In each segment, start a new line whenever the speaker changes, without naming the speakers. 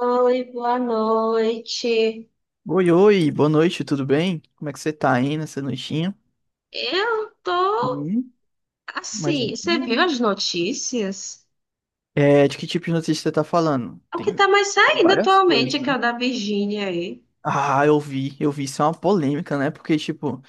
Oi, boa noite.
Oi, oi, boa noite, tudo bem? Como é que você tá aí nessa noitinha?
Eu tô
E mais um.
assim, você viu as notícias?
É, de que tipo de notícia você tá falando?
O que
Tem
tá mais
tem
saindo
várias
atualmente
coisas,
é que
né?
é o da Virgínia aí.
Ah, eu vi, isso é uma polêmica, né? Porque, tipo,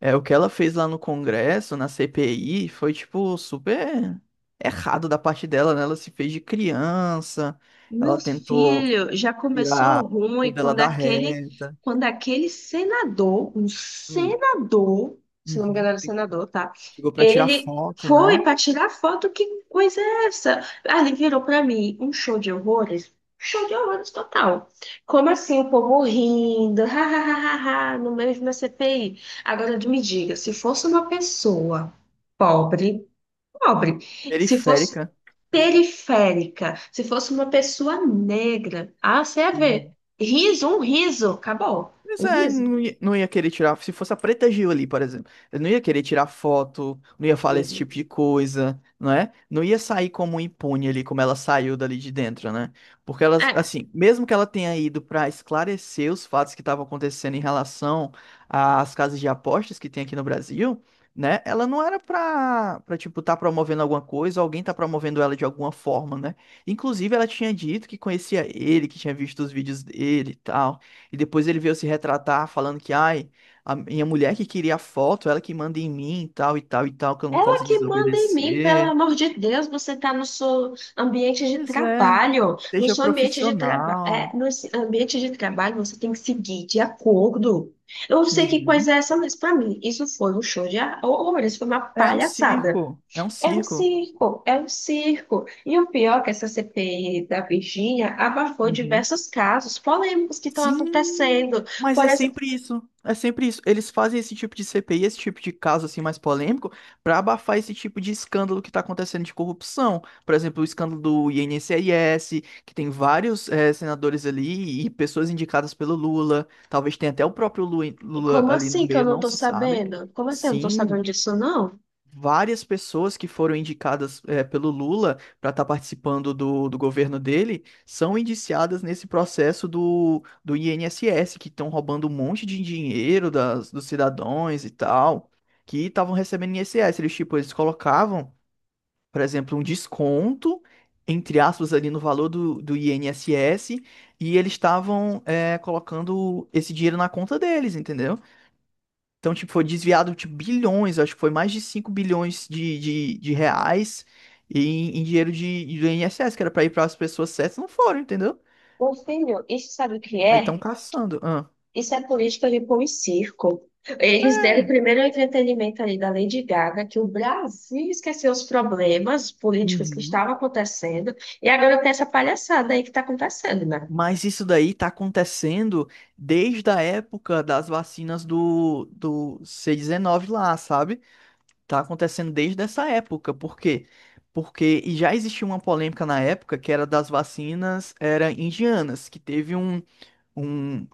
é, o que ela fez lá no Congresso, na CPI, foi, tipo, super errado da parte dela, né? Ela se fez de criança,
Meu
ela tentou
filho, já começou
tirar tudo
ruim
dela da reta.
quando aquele senador, um
Hum.
senador, se não me engano
Uhum.
era senador, tá?
Chegou pra tirar
Ele
foto,
foi
né?
para tirar foto, que coisa é essa? Ah, ele virou para mim um show de horrores total. Como assim o povo rindo, ha, ha, ha, ha, ha, no meio de uma CPI? Agora me diga, se fosse uma pessoa pobre, pobre. Se fosse
Periférica.
periférica, se fosse uma pessoa negra, ah, você ia ver. Riso, um riso, acabou.
Mas
Um
é,
riso.
não ia querer tirar. Se fosse a Preta Gil ali, por exemplo, eu não ia querer tirar foto, não ia falar esse tipo de coisa, não é? Não ia sair como impune ali, como ela saiu dali de dentro, né? Porque ela,
É,
assim, mesmo que ela tenha ido pra esclarecer os fatos que estavam acontecendo em relação às casas de apostas que tem aqui no Brasil, né? Ela não era pra tipo, tá promovendo alguma coisa, alguém tá promovendo ela de alguma forma, né? Inclusive, ela tinha dito que conhecia ele, que tinha visto os vídeos dele e tal. E depois ele veio se retratar falando que, ai, a minha mulher que queria a foto, ela que manda em mim, e tal e tal e tal, que eu não
ela
posso
que manda em mim, pelo
desobedecer.
amor de Deus, você está no seu ambiente de
Pois é,
trabalho. No
seja
seu ambiente de trabalho,
profissional.
ambiente de trabalho você tem que seguir de acordo. Eu não sei que coisa
Uhum.
é essa, mas para mim isso foi um show de horror, isso foi uma
É um
palhaçada.
circo, é um
É um
circo.
circo, é um circo. E o pior é que essa CPI da Virgínia abafou
Uhum.
diversos casos polêmicos que estão
Sim,
acontecendo.
mas
Por
é
exemplo,
sempre isso. É sempre isso. Eles fazem esse tipo de CPI, esse tipo de caso assim mais polêmico, pra abafar esse tipo de escândalo que tá acontecendo de corrupção. Por exemplo, o escândalo do INSS, que tem vários senadores ali e pessoas indicadas pelo Lula. Talvez tenha até o próprio Lula
como
ali no
assim que eu
meio,
não
não
estou
se sabe.
sabendo? Como assim eu não estou sabendo
Sim,
disso, não?
várias pessoas que foram indicadas pelo Lula para estar participando do governo dele são indiciadas nesse processo do INSS, que estão roubando um monte de dinheiro dos cidadãos e tal, que estavam recebendo INSS. Eles, tipo, eles colocavam, por exemplo, um desconto, entre aspas, ali no valor do INSS, e eles estavam colocando esse dinheiro na conta deles, entendeu? Então, tipo, foi desviado, tipo, bilhões, acho que foi mais de 5 bilhões de reais em dinheiro do INSS, que era pra ir para as pessoas certas, não foram, entendeu?
Meu filho, isso sabe o que
Aí estão
é?
caçando. Ah.
Isso é política de pão e circo. Eles deram primeiro o entretenimento ali da Lady Gaga, que o Brasil esqueceu os problemas políticos que
Uhum.
estavam acontecendo, e agora tem essa palhaçada aí que está acontecendo, né?
Mas isso daí tá acontecendo desde a época das vacinas do C19 lá, sabe? Tá acontecendo desde essa época. Por quê? Porque e já existia uma polêmica na época que era das vacinas era indianas, que teve um,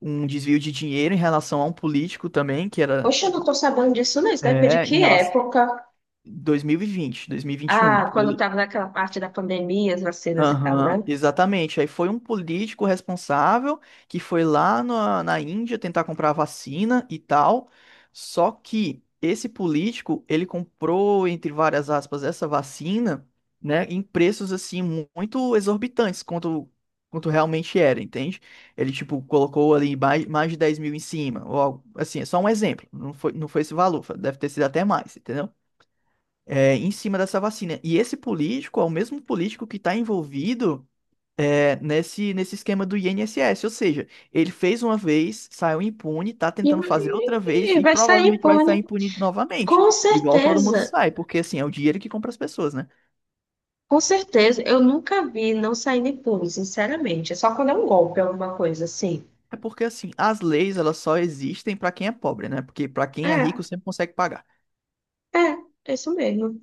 um desvio de dinheiro em relação a um político também, que era
Poxa, eu não tô sabendo disso, não. Isso deve de
é, em
que
relação
época?
dois mil e vinte, 2021
Ah,
por
quando
ali.
tava naquela parte da pandemia, as vacinas e tal,
Aham,
né?
exatamente. Aí foi um político responsável que foi lá na Índia tentar comprar a vacina e tal. Só que esse político, ele comprou, entre várias aspas, essa vacina, né, em preços assim muito exorbitantes quanto realmente era, entende? Ele, tipo, colocou ali mais de 10 mil em cima, ou algo assim, é só um exemplo. Não foi esse valor, deve ter sido até mais, entendeu? É, em cima dessa vacina. E esse político é o mesmo político que está envolvido nesse esquema do INSS. Ou seja, ele fez uma vez, saiu impune, tá
E
tentando
vai,
fazer outra
e
vez e
vai sair
provavelmente vai sair
pônei.
impune novamente.
Com
Igual todo mundo
certeza.
sai, porque assim, é o dinheiro que compra as pessoas, né?
Com certeza. Eu nunca vi não saindo pônei, sinceramente. É só quando é um golpe, alguma coisa assim.
É porque assim, as leis elas só existem pra quem é pobre, né? Porque pra quem é rico
É,
sempre consegue pagar.
é, é isso mesmo.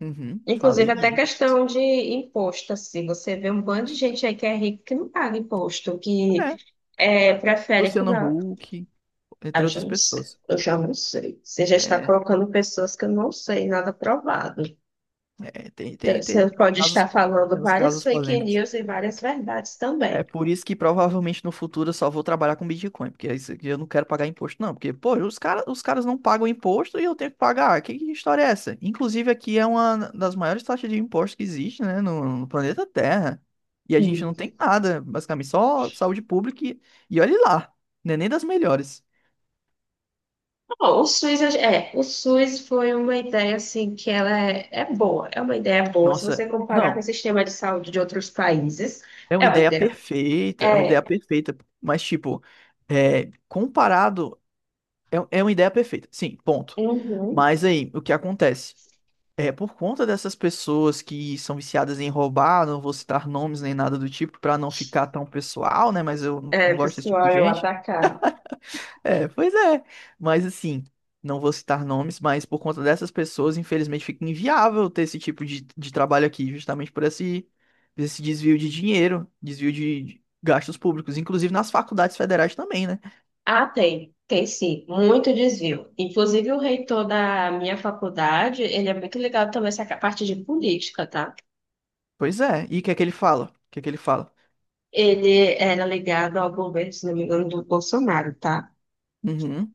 Uhum,
Inclusive,
falei
até
disso.
questão de imposto, assim. Você vê um bando de gente aí que é rico que não paga imposto, que
É,
prefere.
Luciano Huck,
Ah,
entre
eu já
outras
não sei.
pessoas.
Eu já não sei. Você já está
É,
colocando pessoas que eu não sei, nada provado.
é, tem,
Então,
tem, tem,
você
tem uns
pode
casos,
estar falando
tem uns
várias
casos
fake
polêmicos.
news e várias verdades
É
também.
por isso que provavelmente no futuro eu só vou trabalhar com Bitcoin, porque isso aqui eu não quero pagar imposto, não. Porque, pô, os caras não pagam imposto e eu tenho que pagar. Que história é essa? Inclusive, aqui é uma das maiores taxas de imposto que existe, né, no planeta Terra. E a gente
Hum.
não tem nada, basicamente, só saúde pública e, olhe lá, não é nem das melhores.
Bom, o SUS, o SUS foi uma ideia assim que ela é boa, é uma ideia boa. Se
Nossa,
você comparar com o
não,
sistema de saúde de outros países,
é uma
é uma
ideia
ideia.
perfeita, é uma ideia
É,
perfeita, mas, tipo, é, comparado, é uma ideia perfeita, sim, ponto.
uhum,
Mas aí, o que acontece? É, por conta dessas pessoas que são viciadas em roubar, não vou citar nomes nem nada do tipo pra não ficar tão pessoal, né? Mas eu
é,
não gosto desse tipo de
pessoal, eu
gente.
atacar.
É, pois é. Mas assim, não vou citar nomes, mas por conta dessas pessoas, infelizmente, fica inviável ter esse tipo de trabalho aqui, justamente por esse desvio de dinheiro, desvio de gastos públicos, inclusive nas faculdades federais também, né?
Ah, tem, tem sim, muito desvio. Inclusive, o reitor da minha faculdade, ele é muito ligado também a essa parte de política, tá?
Pois é. E o que é que ele fala? O que é que ele fala?
Ele era ligado ao governo, se não me engano, do Bolsonaro, tá?
Uhum.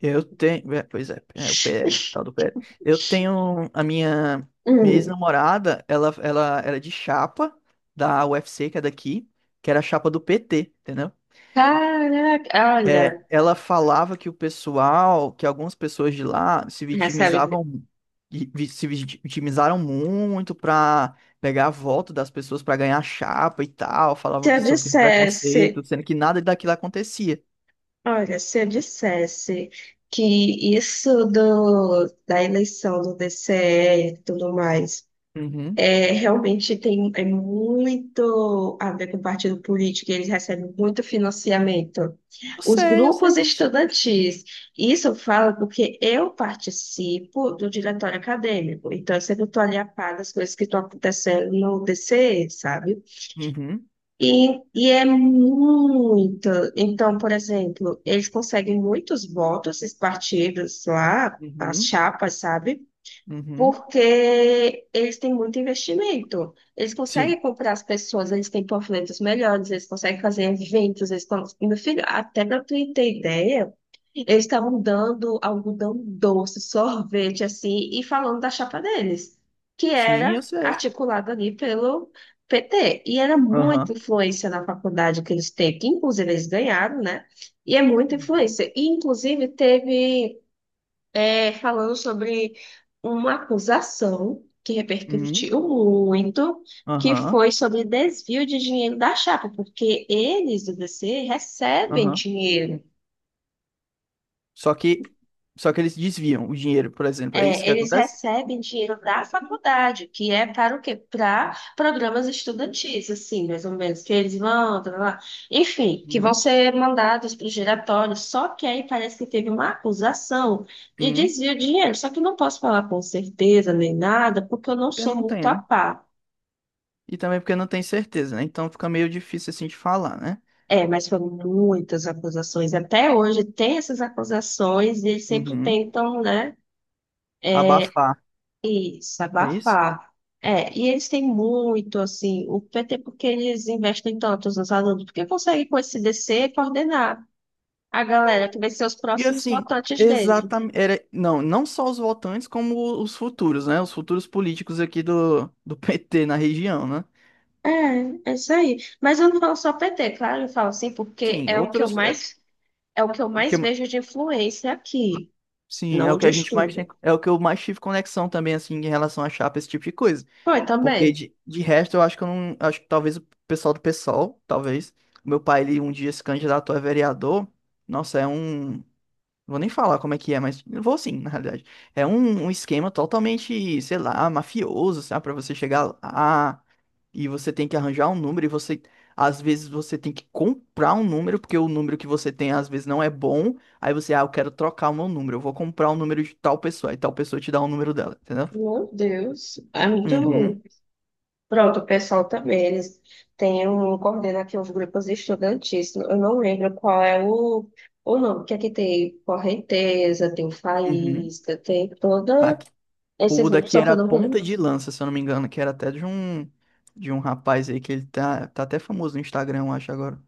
Eu tenho, é, pois é, é o PL, tal do PL. Eu tenho minha
Hum,
ex-namorada, ela era de chapa da UFC, que é daqui, que era a chapa do PT, entendeu?
caraca,
É,
olha,
ela falava que o pessoal, que algumas pessoas de lá se
recebe.
vitimizavam, vi- vi- se vit- vitimizaram muito pra pegar a volta das pessoas pra ganhar chapa e tal, falavam
Se eu
que sofriam
dissesse,
preconceito, sendo que nada daquilo acontecia.
olha, se eu dissesse que isso do, da eleição do DCE e tudo mais.
Uhum.
É, realmente tem é muito a ver com o partido político, e eles recebem muito financiamento. Os
Eu sei
grupos
disso.
estudantis, isso eu falo porque eu participo do diretório acadêmico, então eu sempre estou ali a par das coisas que estão acontecendo no DCE, sabe?
Uhum.
E é muito. Então, por exemplo, eles conseguem muitos votos, esses partidos lá, as
Uhum.
chapas, sabe?
Uhum.
Porque eles têm muito investimento. Eles conseguem
Sim.
comprar as pessoas, eles têm panfletos melhores, eles conseguem fazer eventos, eles estão... Meu filho, até para tu ter ideia, eles estavam dando algodão doce, sorvete, assim, e falando da chapa deles, que
Sim,
era
eu sei.
articulada ali pelo PT. E era muita
Aham.
influência na faculdade que eles têm, que inclusive eles ganharam, né? E é muita influência. E, inclusive, teve falando sobre uma acusação que
Uhum.
repercutiu muito, que
Aham.
foi sobre desvio de dinheiro da chapa, porque eles do DC recebem
Aham.
dinheiro.
Só que, só que eles desviam o dinheiro, por exemplo. É isso
É,
que
eles
acontece?
recebem dinheiro da faculdade, que é para o quê? Para programas estudantis, assim, mais ou menos, que eles vão, tá, tá, tá, enfim, que vão
Uhum.
ser mandados para o giratório. Só que aí parece que teve uma acusação de
Uhum.
desvio de dinheiro. Só que eu não posso falar com certeza nem nada, porque eu não
Porque
sou
não
muito
tem,
a
né?
par.
E também porque não tem certeza, né? Então fica meio difícil assim de falar, né?
É, mas foram muitas acusações. Até hoje tem essas acusações e eles sempre
Uhum.
tentam, né?
Abafar.
Isso,
É isso?
abafar. É, e eles têm muito, assim, o PT, porque eles investem tanto nos alunos, porque conseguem com esse DC coordenar a galera que vai ser os
E
próximos
assim,
votantes dele.
exatamente. Era. Não, não só os votantes, como os futuros, né? Os futuros políticos aqui do PT na região, né?
É, é isso aí. Mas eu não falo só PT, claro, eu falo assim, porque
Sim,
é o que eu
outros.
mais, é o que eu mais
Que
vejo de influência aqui,
sim,
não
é o que
onde eu
a gente mais tem,
estudo.
é o que eu mais tive conexão também, assim, em relação a chapa, esse tipo de coisa.
Foi
Porque
também.
de resto, eu acho que eu não, acho que talvez o pessoal do PSOL, talvez, o meu pai, ele um dia se candidatou a vereador, nossa, é um, não vou nem falar como é que é, mas eu vou sim, na realidade. É um esquema totalmente, sei lá, mafioso, sabe? Pra você chegar lá e você tem que arranjar um número e você, às vezes, você tem que comprar um número, porque o número que você tem, às vezes, não é bom. Aí você, ah, eu quero trocar o meu número, eu vou comprar o número de tal pessoa. Aí tal pessoa te dá o número dela, entendeu?
Meu Deus, é muito.
Uhum,
Pronto, o pessoal também, eles têm um, coordena aqui uns grupos estudantis. Eu não lembro qual é o nome, que aqui tem Correnteza, tem
uhum.
Faísca, tem toda...
Aqui-
Esses
o
grupos,
daqui
só que eu
era
não
ponta
lembro
de lança, se eu não me engano, que era até de um rapaz aí que ele tá até famoso no Instagram, eu acho, agora.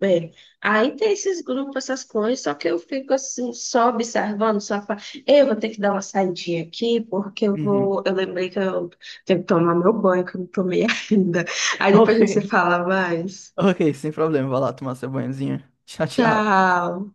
bem. Aí tem esses grupos, essas coisas, só que eu fico assim, só observando, eu vou ter que dar uma saidinha aqui, porque eu
Uhum.
vou... Eu lembrei que eu tenho que tomar meu banho, que eu não tomei ainda. Aí depois a gente se
Ok.
fala mais.
Ok, sem problema. Vai lá tomar seu banhozinho. Tchau, tchau.
Tchau!